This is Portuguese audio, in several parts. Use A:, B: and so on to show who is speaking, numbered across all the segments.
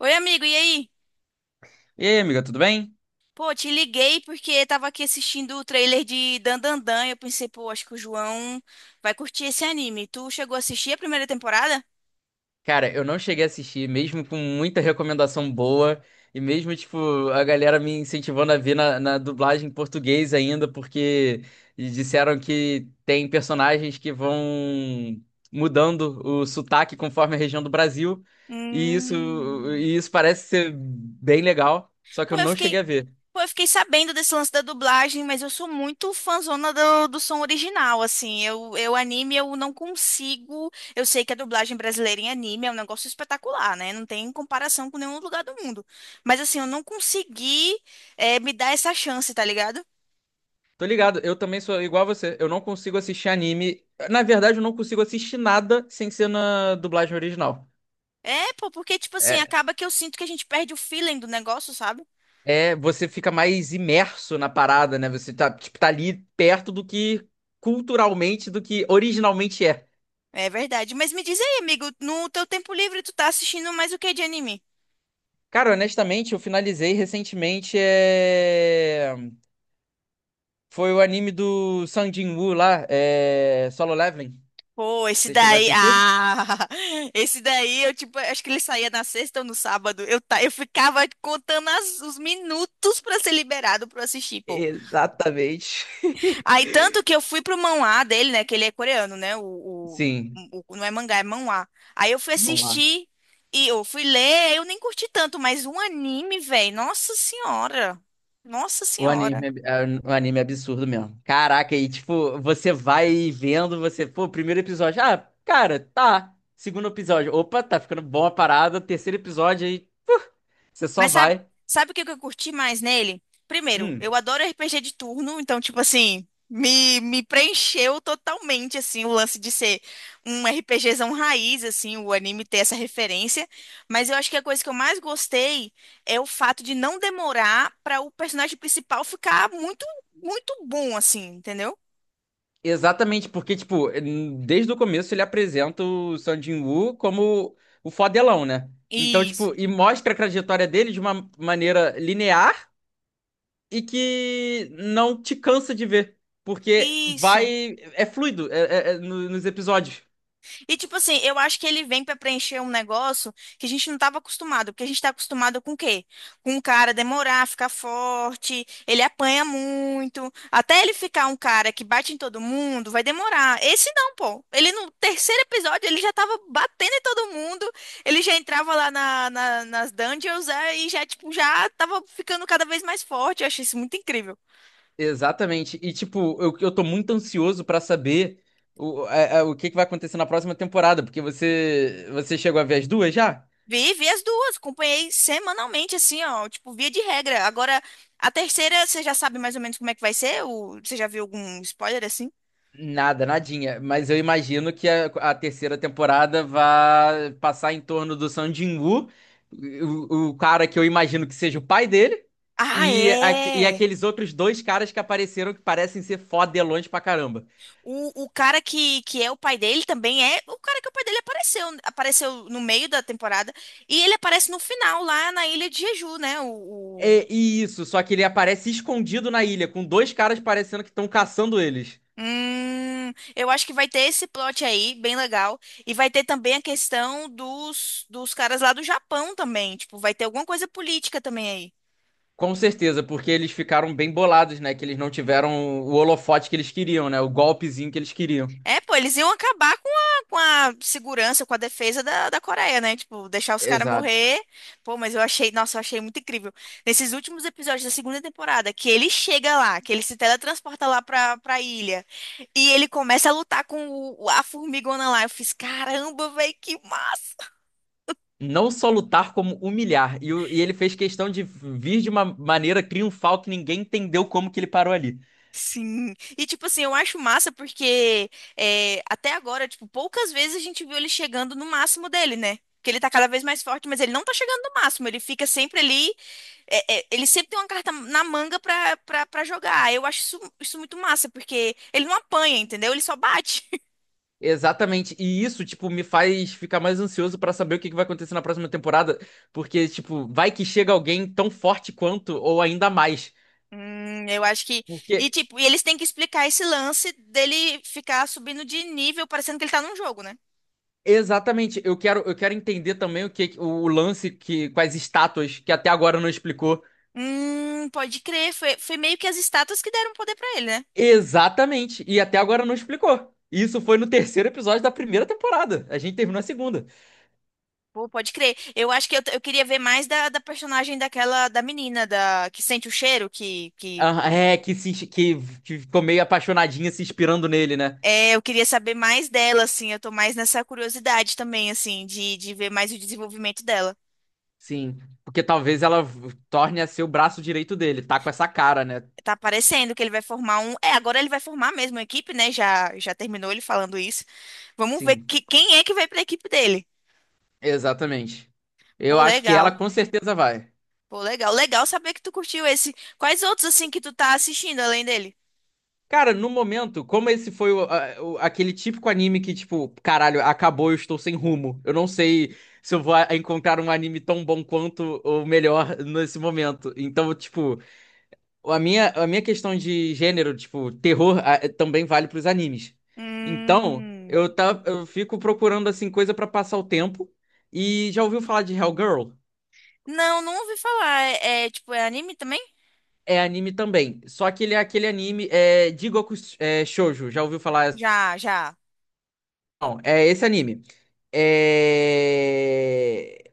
A: Oi, amigo, e aí?
B: E aí, amiga, tudo bem?
A: Pô, te liguei porque tava aqui assistindo o trailer de Dandandan e eu pensei, pô, acho que o João vai curtir esse anime. Tu chegou a assistir a primeira temporada?
B: Cara, eu não cheguei a assistir, mesmo com muita recomendação boa, e mesmo, tipo, a galera me incentivando a ver na dublagem em português ainda, porque disseram que tem personagens que vão mudando o sotaque conforme a região do Brasil, e isso,
A: Hum.
B: e isso parece ser bem legal, só que
A: Pô,
B: eu
A: eu
B: não cheguei
A: fiquei,
B: a ver.
A: pô, eu fiquei sabendo desse lance da dublagem, mas eu sou muito fãzona do som original, assim. Eu anime, eu não consigo. Eu sei que a dublagem brasileira em anime é um negócio espetacular, né? Não tem comparação com nenhum lugar do mundo. Mas assim, eu não consegui, me dar essa chance, tá ligado?
B: Tô ligado, eu também sou igual a você, eu não consigo assistir anime. Na verdade, eu não consigo assistir nada sem ser na dublagem original.
A: É, pô, porque, tipo assim, acaba que eu sinto que a gente perde o feeling do negócio, sabe?
B: É, você fica mais imerso na parada, né? Você tá, tipo, tá ali perto do que culturalmente, do que originalmente é.
A: É verdade. Mas me diz aí, amigo, no teu tempo livre tu tá assistindo mais o que de anime?
B: Cara, honestamente, eu finalizei recentemente. Foi o anime do Sung Jin-woo lá, Solo Leveling.
A: Pô, esse
B: Você chegou a
A: daí.
B: assistir?
A: Ah! Esse daí, eu, tipo, acho que ele saía na sexta ou no sábado. Eu, tá, eu ficava contando os minutos pra ser liberado pra eu assistir, pô.
B: Exatamente.
A: Aí, tanto que eu fui pro manhwa dele, né? Que ele é coreano, né?
B: Sim.
A: Não é mangá, é manhwa. Aí eu fui
B: Vamos lá.
A: assistir e eu fui ler, eu nem curti tanto, mas um anime, velho. Nossa senhora. Nossa
B: O
A: senhora.
B: anime é, é um anime é absurdo mesmo. Caraca, e tipo, você vai vendo, você, pô, primeiro episódio, ah, cara, tá. Segundo episódio, opa, tá ficando bom a parada. Terceiro episódio, aí você só
A: Mas sabe,
B: vai.
A: sabe o que que eu curti mais nele? Primeiro,
B: Hum,
A: eu adoro RPG de turno, então, tipo assim, me preencheu totalmente, assim, o lance de ser um RPGzão raiz, assim, o anime ter essa referência. Mas eu acho que a coisa que eu mais gostei é o fato de não demorar para o personagem principal ficar muito, muito bom, assim, entendeu?
B: exatamente, porque, tipo, desde o começo ele apresenta o Sung Jin-woo como o fodelão, né? Então,
A: Isso,
B: tipo, e mostra a trajetória dele de uma maneira linear e que não te cansa de ver. Porque
A: isso.
B: vai. É fluido é, é nos episódios.
A: E, tipo assim, eu acho que ele vem pra preencher um negócio que a gente não tava acostumado. Porque a gente tá acostumado com o quê? Com o cara demorar, ficar forte, ele apanha muito. Até ele ficar um cara que bate em todo mundo, vai demorar. Esse não, pô. Ele no terceiro episódio, ele já tava batendo em todo mundo. Ele já entrava lá nas dungeons é, e já, tipo, já tava ficando cada vez mais forte. Eu achei isso muito incrível.
B: Exatamente. E, tipo, eu tô muito ansioso pra saber o, o que que vai acontecer na próxima temporada, porque você chegou a ver as duas já?
A: Vi, vi as duas, acompanhei semanalmente, assim, ó, tipo, via de regra. Agora, a terceira, você já sabe mais ou menos como é que vai ser? Ou você já viu algum spoiler, assim?
B: Nada, nadinha. Mas eu imagino que a terceira temporada vai passar em torno do Sung Jin-woo, o cara que eu imagino que seja o pai dele,
A: Ah,
B: e, e
A: é!
B: aqueles outros dois caras que apareceram que parecem ser fodelões pra caramba.
A: O cara que é o pai dele também é o cara que é o pai dele apareceu, apareceu no meio da temporada, e ele aparece no final, lá na Ilha de Jeju, né? O-
B: É, e isso, só que ele aparece escondido na ilha, com dois caras parecendo que estão caçando eles.
A: Eu acho que vai ter esse plot aí, bem legal. E vai ter também a questão dos caras lá do Japão também. Tipo, vai ter alguma coisa política também aí.
B: Com certeza, porque eles ficaram bem bolados, né? Que eles não tiveram o holofote que eles queriam, né? O golpezinho que eles queriam.
A: É, pô, eles iam acabar com com a segurança, com a defesa da Coreia, né? Tipo, deixar os caras
B: Exato.
A: morrer. Pô, mas eu achei, nossa, eu achei muito incrível. Nesses últimos episódios da segunda temporada, que ele chega lá, que ele se teletransporta lá pra ilha, e ele começa a lutar com a formigona lá. Eu fiz, caramba, velho, que massa!
B: Não só lutar, como humilhar. E, e ele fez questão de vir de uma maneira triunfal que ninguém entendeu como que ele parou ali.
A: Sim. E, tipo assim, eu acho massa porque é, até agora, tipo, poucas vezes a gente viu ele chegando no máximo dele, né? Porque ele tá cada vez mais forte, mas ele não tá chegando no máximo. Ele fica sempre ali ele sempre tem uma carta na manga pra, pra, pra jogar. Eu acho isso, isso muito massa, porque ele não apanha, entendeu? Ele só bate.
B: Exatamente. E isso, tipo, me faz ficar mais ansioso pra saber o que que vai acontecer na próxima temporada. Porque, tipo, vai que chega alguém tão forte quanto, ou ainda mais.
A: Eu acho que. E,
B: Porque
A: tipo, e eles têm que explicar esse lance dele ficar subindo de nível, parecendo que ele tá num jogo, né?
B: exatamente, eu quero entender também o que o lance que com as estátuas que até agora não explicou.
A: Pode crer. Foi, foi meio que as estátuas que deram poder pra ele, né?
B: Exatamente, e até agora não explicou. Isso foi no terceiro episódio da primeira temporada. A gente terminou a segunda.
A: Pô, pode crer. Eu acho que eu queria ver mais da personagem daquela, da menina, da, que sente o cheiro, que
B: Ah, é, que, se, que ficou meio apaixonadinha se inspirando nele, né?
A: É, eu queria saber mais dela, assim. Eu tô mais nessa curiosidade também, assim, de ver mais o desenvolvimento dela.
B: Sim, porque talvez ela torne a ser o braço direito dele, tá com essa cara, né?
A: Tá parecendo que ele vai formar um. É, agora ele vai formar mesmo a equipe, né? Já, já terminou ele falando isso. Vamos ver
B: Sim,
A: que, quem é que vai pra equipe dele.
B: exatamente. Eu
A: Pô,
B: acho que ela
A: legal.
B: com certeza vai.
A: Pô, legal. Legal saber que tu curtiu esse. Quais outros, assim, que tu tá assistindo além dele?
B: Cara, no momento, como esse foi aquele típico anime que, tipo, caralho, acabou, eu estou sem rumo. Eu não sei se eu vou encontrar um anime tão bom quanto ou melhor nesse momento. Então, tipo, a minha questão de gênero, tipo, terror, também vale pros animes. Então, eu,
A: Hum.
B: tá, eu fico procurando, assim, coisa pra passar o tempo. E já ouviu falar de Hellgirl?
A: Não, não ouvi falar. É, é, tipo, é anime também?
B: É anime também. Só que ele é aquele anime é, Jigoku é, Shoujo. Já ouviu falar?
A: Já, já.
B: Não, é esse anime. É...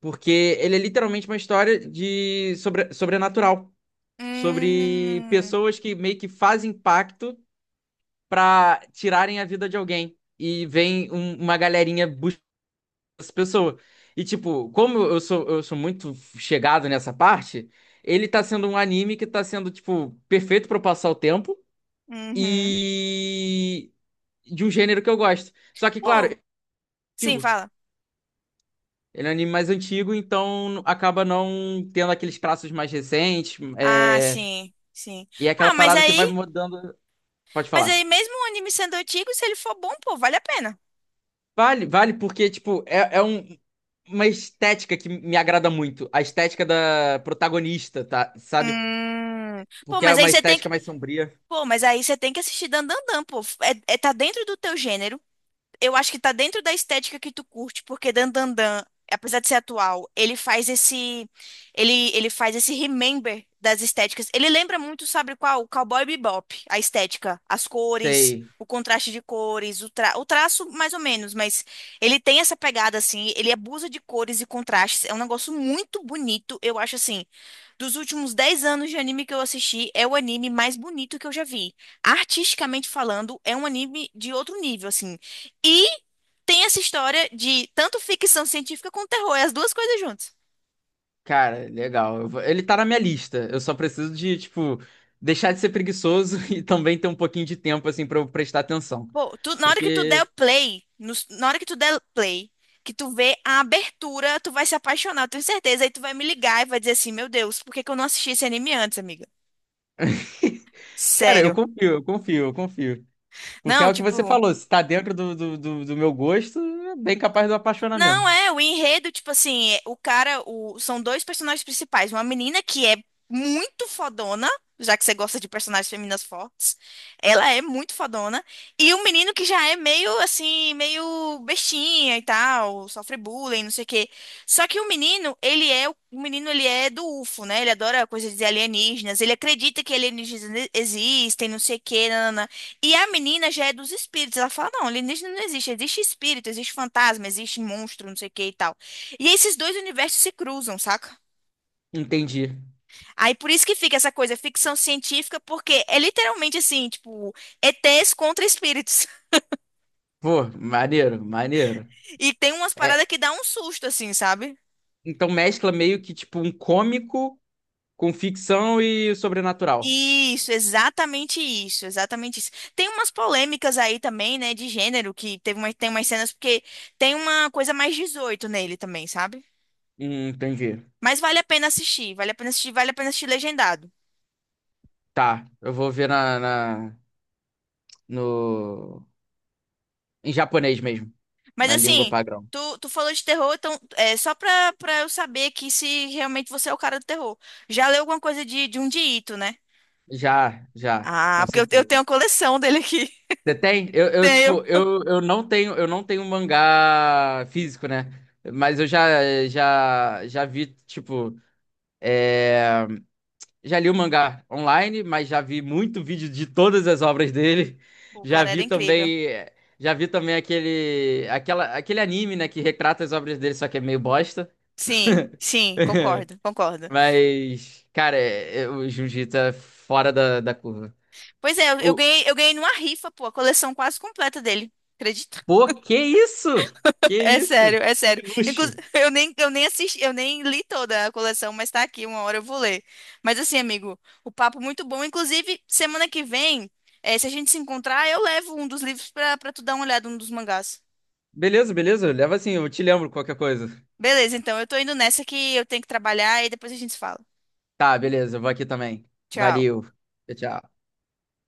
B: Porque ele é literalmente uma história de sobre sobrenatural. Sobre
A: Hum.
B: pessoas que meio que fazem pacto pra tirarem a vida de alguém. E vem uma galerinha buscar essa pessoa. E tipo, como eu sou muito chegado nessa parte, ele tá sendo um anime que tá sendo, tipo, perfeito pra eu passar o tempo.
A: Uhum.
B: E de um gênero que eu gosto. Só que, claro,
A: Pô, sim, fala.
B: ele é um anime mais antigo, então acaba não tendo aqueles traços mais recentes.
A: Ah, sim, sim.
B: E é aquela
A: Ah,
B: parada que vai mudando. Pode
A: mas
B: falar.
A: aí mesmo o anime sendo antigo, se ele for bom, pô, vale a pena.
B: Vale, vale, porque, tipo, é, é uma estética que me agrada muito. A estética da protagonista, tá? Sabe?
A: Hum. Pô,
B: Porque é
A: mas aí
B: uma
A: você tem que,
B: estética mais sombria.
A: pô, mas aí você tem que assistir Dandadan, pô. Tá dentro do teu gênero. Eu acho que tá dentro da estética que tu curte, porque Dan Dan Dan, apesar de ser atual, ele faz esse ele faz esse remember das estéticas. Ele lembra muito, sabe qual? O Cowboy Bebop, a estética, as cores,
B: Sei.
A: o contraste de cores, o, tra... o traço mais ou menos, mas ele tem essa pegada assim, ele abusa de cores e contrastes. É um negócio muito bonito, eu acho assim. Dos últimos 10 anos de anime que eu assisti, é o anime mais bonito que eu já vi artisticamente falando, é um anime de outro nível, assim. E tem essa história de tanto ficção científica quanto terror, é as duas coisas juntas.
B: Cara, legal. Ele tá na minha lista. Eu só preciso de, tipo, deixar de ser preguiçoso e também ter um pouquinho de tempo, assim, pra eu prestar atenção.
A: Pô, na hora que tu der o
B: Porque,
A: play, na hora que tu der play, que tu vê a abertura, tu vai se apaixonar, eu tenho certeza. Aí tu vai me ligar e vai dizer assim, meu Deus, por que que eu não assisti esse anime antes, amiga?
B: cara,
A: Sério.
B: eu confio. Porque é
A: Não,
B: o que você
A: tipo,
B: falou, se tá dentro do meu gosto, é bem capaz do apaixonamento.
A: não, é, o enredo, tipo assim, é, o cara, o, são dois personagens principais, uma menina que é muito fodona, já que você gosta de personagens femininas fortes, ela é muito fodona, e um menino que já é meio, assim, meio bestinha e tal, sofre bullying, não sei o quê. Só que o menino, ele é, o menino, ele é do UFO, né? Ele adora coisas de alienígenas, ele acredita que alienígenas existem, não sei o quê, nananã. E a menina já é dos espíritos. Ela fala, não, alienígena não existe. Existe espírito, existe fantasma, existe monstro, não sei o que e tal. E esses dois universos se cruzam, saca?
B: Entendi.
A: Aí por isso que fica essa coisa, ficção científica, porque é literalmente assim, tipo, ETs contra espíritos.
B: Pô, maneiro, maneiro.
A: E tem umas
B: É,
A: paradas que dá um susto, assim, sabe?
B: então mescla meio que tipo um cômico com ficção e sobrenatural.
A: Isso, exatamente isso, exatamente isso. Tem umas polêmicas aí também, né, de gênero, que teve uma, tem umas cenas, porque tem uma coisa mais 18 nele também, sabe?
B: Entendi.
A: Mas vale a pena assistir, vale a pena assistir, vale a pena assistir legendado.
B: Tá, eu vou ver na, na- no, em japonês mesmo,
A: Mas
B: na língua
A: assim,
B: padrão.
A: tu, tu falou de terror, então é só pra eu saber aqui se realmente você é o cara do terror. Já leu alguma coisa de um Ito, né?
B: Já, já,
A: Ah,
B: com
A: porque eu
B: certeza.
A: tenho a coleção dele aqui.
B: Você tem?
A: Tenho.
B: Tipo, eu não tenho, eu não tenho mangá físico, né? Mas eu já vi, tipo, é, já li o mangá online, mas já vi muito vídeo de todas as obras dele.
A: O
B: Já
A: cara era
B: vi
A: incrível.
B: também, já vi também aquele, aquela, aquele anime, né, que retrata as obras dele, só que é meio bosta.
A: Sim, sim, concordo, concordo.
B: Mas, cara, o Jiu-Jitsu é fora da, da curva.
A: Pois é, eu ganhei numa rifa, pô, a coleção quase completa dele. Acredita?
B: Pô, que isso? Que
A: É
B: isso?
A: sério, é sério.
B: Que luxo.
A: Inclusive, eu nem assisti, eu nem li toda a coleção, mas tá aqui, uma hora eu vou ler. Mas assim, amigo, o papo muito bom. Inclusive, semana que vem, se a gente se encontrar, eu levo um dos livros pra, pra tu dar uma olhada, um dos mangás.
B: Beleza, beleza. Leva assim, eu te lembro qualquer coisa.
A: Beleza, então, eu tô indo nessa que eu tenho que trabalhar e depois a gente se fala.
B: Tá, beleza, eu vou aqui também.
A: Tchau.
B: Valeu. Tchau, tchau.